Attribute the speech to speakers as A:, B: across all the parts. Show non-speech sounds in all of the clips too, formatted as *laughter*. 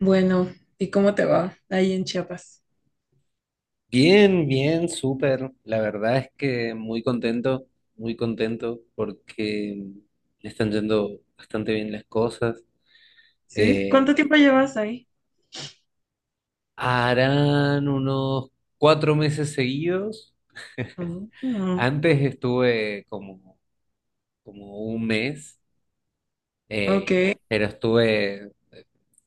A: Bueno, ¿y cómo te va ahí en Chiapas?
B: Bien, bien, súper. La verdad es que muy contento porque le están yendo bastante bien las cosas.
A: ¿Sí?
B: Eh,
A: ¿Cuánto tiempo llevas ahí?
B: harán unos 4 meses seguidos.
A: Oh, ah,
B: Antes estuve como un mes,
A: ok,
B: pero estuve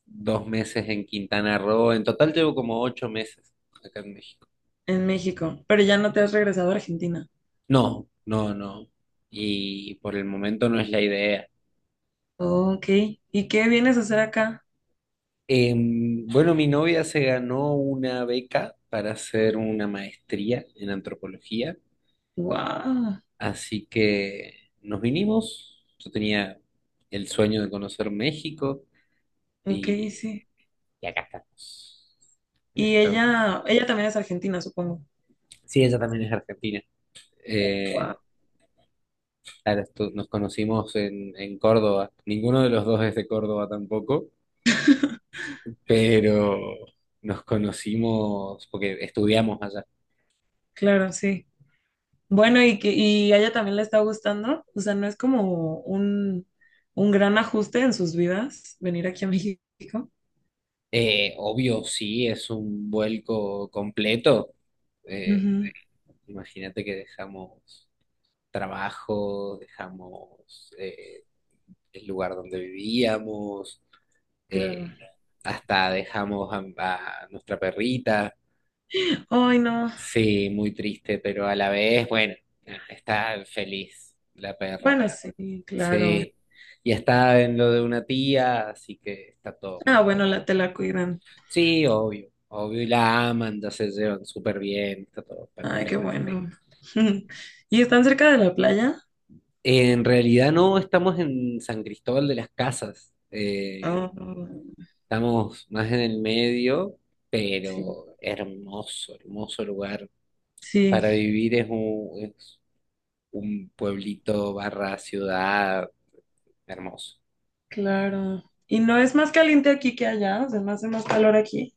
B: 2 meses en Quintana Roo. En total llevo como 8 meses acá en México.
A: en México, pero ya no te has regresado a Argentina.
B: No, no, no. Y por el momento no es la idea.
A: Ok. ¿Y qué vienes a hacer acá?
B: Bueno, mi novia se ganó una beca para hacer una maestría en antropología,
A: Wow.
B: así que nos vinimos. Yo tenía el sueño de conocer México
A: Ok,
B: y,
A: sí.
B: y acá estamos. Acá
A: Y
B: estamos.
A: ella también es argentina, supongo.
B: Sí, ella también es argentina.
A: Wow.
B: Eh, claro, nos conocimos en Córdoba. Ninguno de los dos es de Córdoba tampoco, pero nos conocimos porque estudiamos allá.
A: Claro, sí. Bueno, y a ella también le está gustando. O sea, no es como un gran ajuste en sus vidas venir aquí a México.
B: Obvio, sí, es un vuelco completo. Eh,
A: Ujú,
B: imagínate que dejamos trabajo, dejamos el lugar donde vivíamos,
A: claro.
B: eh, hasta dejamos a nuestra perrita.
A: Ay, no.
B: Sí, muy triste, pero a la vez, bueno, está feliz la perra.
A: Bueno, sí, claro.
B: Sí, y está en lo de una tía, así que está todo
A: Ah,
B: más que
A: bueno,
B: bien.
A: la, te la cuidan.
B: Sí, obvio, obvio, y la aman, ya se llevan súper bien, está todo
A: Ay, qué
B: perfecto.
A: bueno. *laughs* ¿Y están cerca de la playa?
B: En realidad no estamos en San Cristóbal de las Casas,
A: Ah,
B: estamos más en el medio,
A: sí,
B: pero hermoso, hermoso lugar.
A: sí,
B: Para vivir es un pueblito barra ciudad hermoso.
A: claro. ¿Y no es más caliente aquí que allá? O sea, ¿no hace más calor aquí?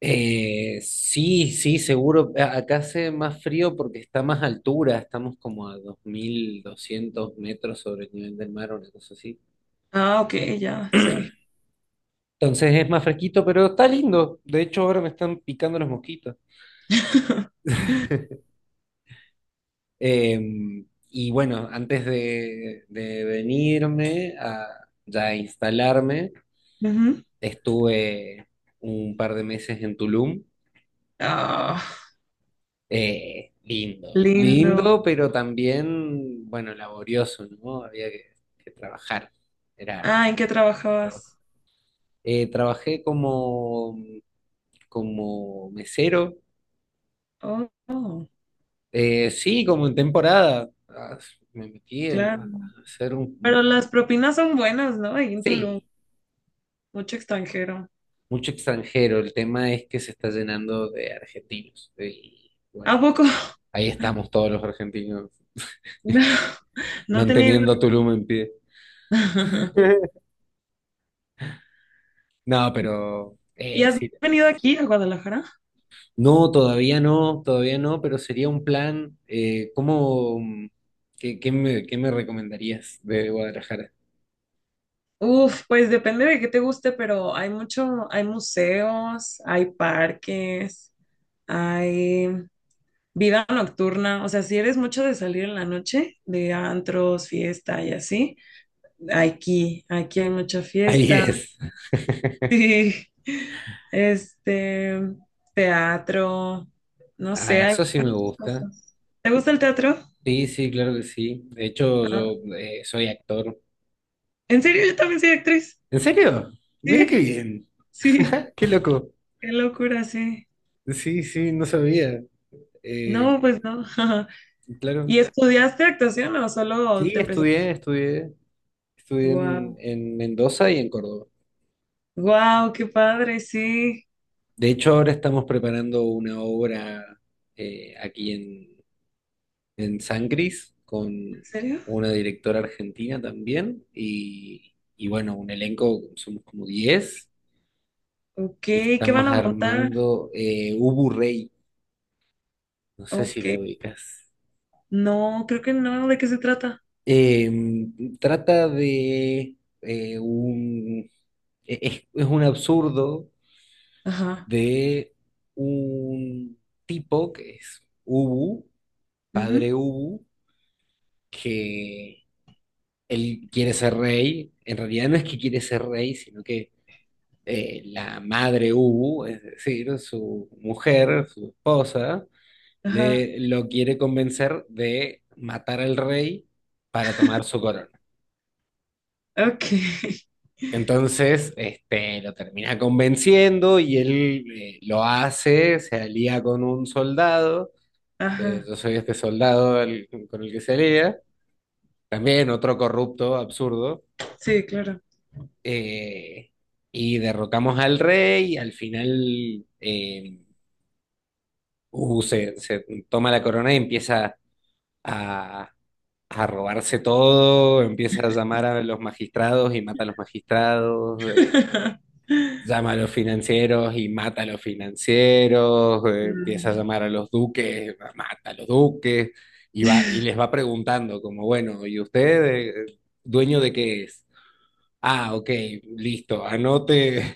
B: Sí, sí, seguro. Acá hace más frío porque está más altura, estamos como a 2.200 metros sobre el nivel del mar, una cosa así.
A: Ah, ok, ya, sí.
B: Entonces es más fresquito, pero está lindo. De hecho, ahora me están picando las mosquitas.
A: *laughs*
B: Eh, y bueno, antes de venirme a ya instalarme,
A: Ujú.
B: estuve un par de meses en Tulum.
A: Ah,
B: Lindo,
A: lindo.
B: lindo, pero también, bueno, laborioso, ¿no? Había que trabajar. Era,
A: Ah, ¿en qué trabajabas?
B: trabajé como mesero.
A: Oh, oh,
B: Sí, como en temporada, ah, me metí
A: claro.
B: a hacer un,
A: Pero las propinas son buenas, ¿no? Ahí en Tulum,
B: sí,
A: mucho extranjero.
B: mucho extranjero. El tema es que se está llenando de argentinos. Y bueno,
A: ¿A poco? *laughs*
B: ahí estamos todos los argentinos
A: No,
B: *laughs*
A: no tenía idea.
B: manteniendo a Tulum en pie.
A: *laughs*
B: *laughs* No, pero
A: ¿Y has
B: sí.
A: venido aquí a Guadalajara?
B: No, todavía no, todavía no, pero sería un plan. ¿Cómo, qué, qué me recomendarías de Guadalajara?
A: Uf, pues depende de qué te guste, pero hay mucho, hay museos, hay parques, hay vida nocturna. O sea, si eres mucho de salir en la noche, de antros, fiesta y así, aquí hay mucha
B: *laughs* Ahí
A: fiesta. *laughs*
B: es.
A: Sí, este, teatro, no
B: Ah,
A: sé, hay
B: eso sí me
A: muchas
B: gusta.
A: cosas. ¿Te gusta el teatro?
B: Sí, sí, claro que sí. De hecho,
A: Ah,
B: yo soy actor.
A: ¿en serio? Yo también soy actriz.
B: ¿En serio? Mira
A: Sí,
B: qué bien.
A: sí,
B: *laughs* Qué loco.
A: qué locura, sí.
B: Sí, sí, no sabía. Eh,
A: No, pues no. *laughs* ¿Y
B: claro.
A: estudiaste actuación o
B: Sí,
A: solo te empezaste?
B: estudié, estudié. Estudié en,
A: Wow,
B: en Mendoza y en Córdoba.
A: wow, qué padre, sí.
B: De hecho, ahora estamos preparando una obra aquí en San Cris
A: ¿En
B: con
A: serio?
B: una directora argentina también y bueno, un elenco, somos como 10
A: Ok,
B: y
A: ¿qué van
B: estamos
A: a montar?
B: armando Ubu Rey. No sé si
A: Ok.
B: la ubicas.
A: No, creo que no, ¿de qué se trata?
B: Em, trata de un... e- es un absurdo
A: Ajá.
B: de un tipo que es Ubu,
A: Ujú.
B: padre Ubu, que él quiere ser rey. En realidad no es que quiere ser rey, sino que la madre Ubu, es decir, su mujer, su esposa,
A: Ajá.
B: le, lo quiere convencer de matar al rey para tomar su corona.
A: Ok. *laughs*
B: Entonces, este, lo termina convenciendo y él lo hace, se alía con un soldado,
A: Ajá.
B: yo soy este soldado con el que se alía, también otro corrupto, absurdo,
A: Sí, claro.
B: eh, y derrocamos al rey, y al final Hugo se toma la corona y empieza a, a robarse todo, empieza a llamar a los magistrados y mata a los magistrados. eh,
A: *laughs*
B: llama a los financieros y mata a los financieros, empieza a
A: Mm.
B: llamar a los duques, mata a los duques, y va, y les va preguntando como, bueno, ¿y usted, dueño de qué es? Ah, ok, listo, anote,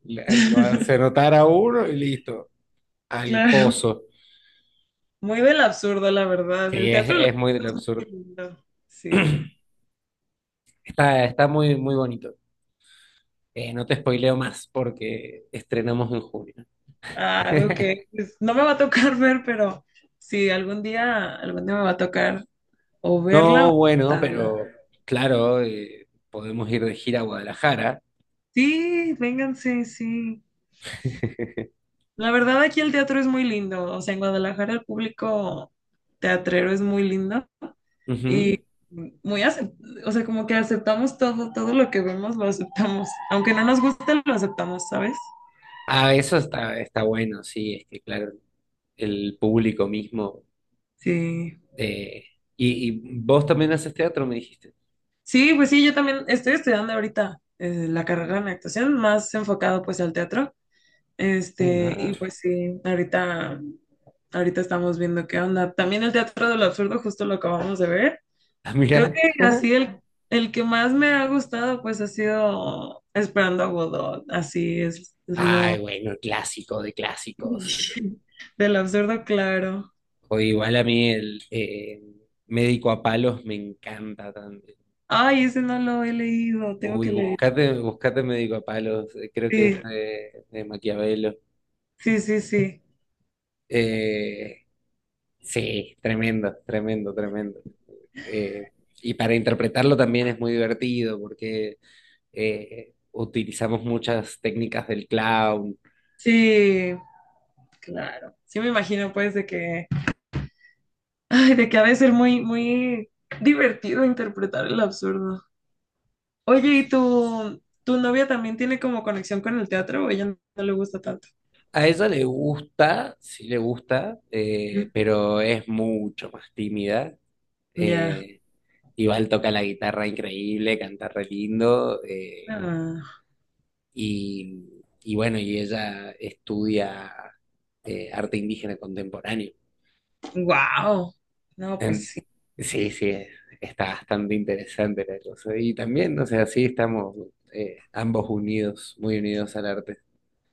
B: *laughs* lo hace
A: *laughs*
B: anotar a uno y listo, al
A: Claro.
B: pozo.
A: Muy del absurdo, la verdad.
B: Sí,
A: El
B: es,
A: teatro del
B: es muy del absurdo.
A: absurdo. Sí.
B: Está muy, muy bonito. No te spoileo más porque estrenamos en junio.
A: Ah, ok.
B: *laughs*
A: Pues, no me va a tocar *laughs* ver, pero sí, algún día me va a tocar. O verla
B: No,
A: o
B: bueno,
A: matarla.
B: pero claro, podemos ir de gira a Guadalajara.
A: Sí, vénganse, sí.
B: *laughs*
A: La verdad, aquí el teatro es muy lindo. O sea, en Guadalajara el público teatrero es muy lindo
B: Ujú.
A: y muy, acep- o sea, como que aceptamos todo, todo lo que vemos lo aceptamos. Aunque no nos guste, lo aceptamos, ¿sabes?
B: Ah, eso está bueno, sí, es que claro, el público mismo.
A: Sí.
B: eh, y, y vos también haces teatro, me dijiste.
A: Sí, pues sí, yo también estoy estudiando ahorita la carrera en actuación, más enfocado pues al teatro.
B: Eh,
A: Este,
B: ah,
A: y pues ahorita estamos viendo qué onda. También el Teatro del Absurdo, justo lo acabamos de ver.
B: *laughs* ah,
A: Creo
B: mira.
A: que así el que más me ha gustado, pues ha sido Esperando a Godot. Así es
B: Ay,
A: lo
B: bueno, el clásico de clásicos.
A: *laughs* del absurdo, claro.
B: O igual a mí el médico a palos me encanta también.
A: Ay, ese no lo he leído, tengo
B: Uy,
A: que leer.
B: buscate, buscate médico a palos, creo que es
A: Sí,
B: de Maquiavelo.
A: sí, sí, sí.
B: Eh, Sí tremendo, tremendo, tremendo. Eh, y para interpretarlo también es muy divertido porque utilizamos muchas técnicas del clown.
A: Sí, claro. Sí me imagino ay, de que ha de ser muy, muy divertido interpretar el absurdo. Oye, ¿y tu novia también tiene como conexión con el teatro o ella no, no le gusta tanto?
B: A ella le gusta, sí le gusta,
A: Ujú,
B: pero es mucho más tímida.
A: ya.
B: Eh, igual toca la guitarra increíble, canta re lindo. Y bueno, y ella estudia arte indígena contemporáneo.
A: Wow. No, pues
B: En-
A: sí.
B: sí, sí, está bastante interesante la cosa. Y también, no sé, así estamos ambos unidos, muy unidos al arte.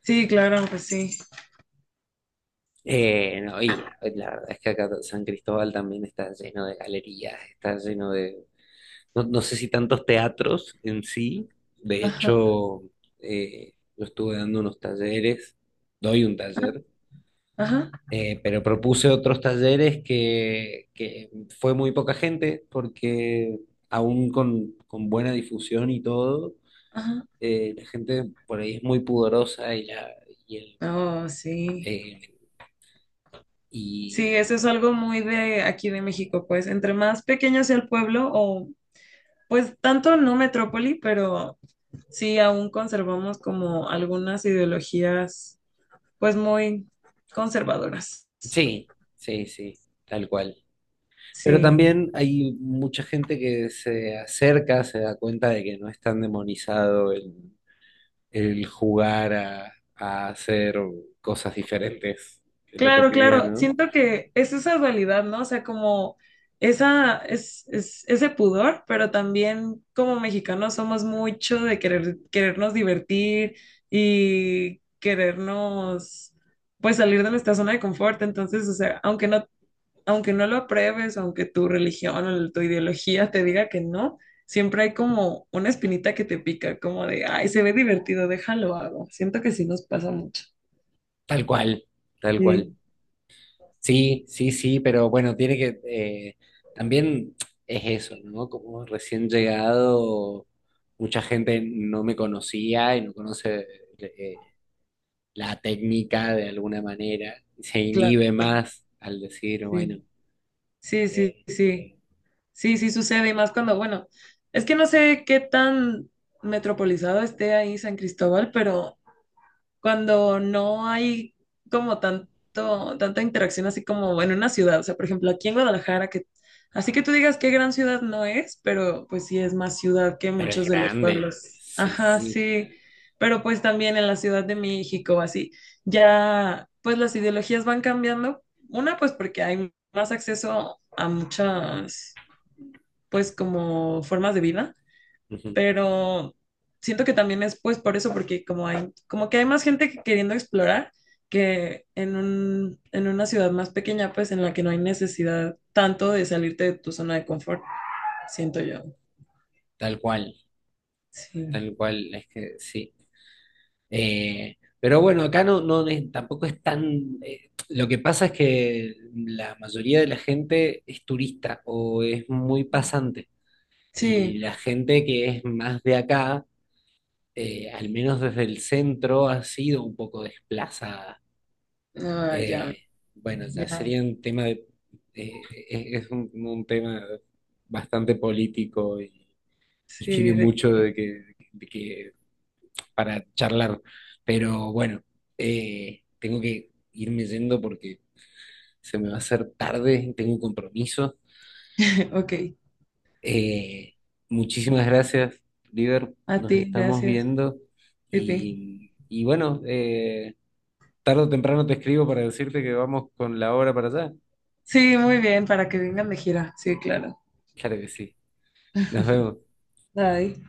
A: Sí, claro, pues sí.
B: No, y la verdad es que acá San Cristóbal también está lleno de galerías, está lleno de, no, no sé si tantos teatros en sí. De
A: Ajá,
B: hecho, yo estuve dando unos talleres, doy un taller.
A: ajá,
B: Pero propuse otros talleres que fue muy poca gente porque aún con buena difusión y todo,
A: ajá.
B: la gente por ahí es muy pudorosa y, el,
A: Oh, sí.
B: eh,
A: Sí,
B: y
A: eso es algo muy de aquí de México, pues entre más pequeño sea el pueblo o pues tanto no metrópoli, pero sí aún conservamos como algunas ideologías pues muy conservadoras.
B: sí, sí, sí, tal cual. Pero
A: Sí.
B: también hay mucha gente que se acerca, se da cuenta de que no es tan demonizado el jugar a hacer cosas diferentes en lo
A: Claro, claro.
B: cotidiano.
A: Siento que es esa dualidad, ¿no? O sea, como es- ese pudor, pero también como mexicanos somos mucho de querer, querernos divertir y querernos, pues, salir de nuestra zona de confort. Entonces, o sea, aunque no lo apruebes, aunque tu religión o tu ideología te diga que no, siempre hay como una espinita que te pica, como de, ay, se ve divertido, déjalo hago. Siento que sí nos pasa mucho.
B: Tal cual, tal cual.
A: Sí,
B: Sí, sí, sí, pero bueno, tiene que, también es eso, ¿no? Como recién llegado, mucha gente no me conocía y no conoce eh, la técnica de alguna manera, se
A: claro.
B: inhibe más al decir, bueno,
A: Sí. Sí, sí,
B: eh,
A: sí. Sí, sí sucede, y más cuando, bueno, es que no sé qué tan metropolizado esté ahí San Cristóbal, pero cuando no hay como tanta interacción así como en una ciudad. O sea, por ejemplo, aquí en Guadalajara, que así que tú digas qué gran ciudad no es, pero pues sí es más ciudad que
B: pero es
A: muchos de los
B: grande,
A: pueblos. Ajá,
B: sí,
A: sí. Pero pues también en la Ciudad de México, así, ya pues las ideologías van cambiando. Una, pues porque hay más acceso a muchas, pues como formas de vida,
B: ujú,
A: pero siento que también es pues por eso, porque como hay, como que hay más gente que- queriendo explorar que en en una ciudad más pequeña, pues en la que no hay necesidad tanto de salirte de tu zona de confort, siento yo.
B: tal cual,
A: Sí,
B: tal cual, es que sí. Pero bueno, acá no, no tampoco es tan. Lo que pasa es que la mayoría de la gente es turista o es muy pasante. Y
A: sí,
B: la gente que es más de acá, al menos desde el centro, ha sido un poco desplazada.
A: ah, ya,
B: Eh, bueno, ya
A: ya,
B: sería un tema de. eh, es un tema bastante político y
A: sí,
B: tiene
A: de
B: mucho
A: que-
B: de que, para charlar. Pero bueno, tengo que irme yendo porque se me va a hacer tarde, tengo un compromiso.
A: *laughs* ok,
B: Eh, muchísimas gracias, Liber.
A: a
B: Nos
A: ti,
B: estamos
A: gracias,
B: viendo
A: Pipi.
B: y bueno, tarde o temprano te escribo para decirte que vamos con la hora para allá.
A: Sí, muy bien, para que vengan de gira, sí, claro.
B: Claro que sí. Nos vemos.
A: Bye.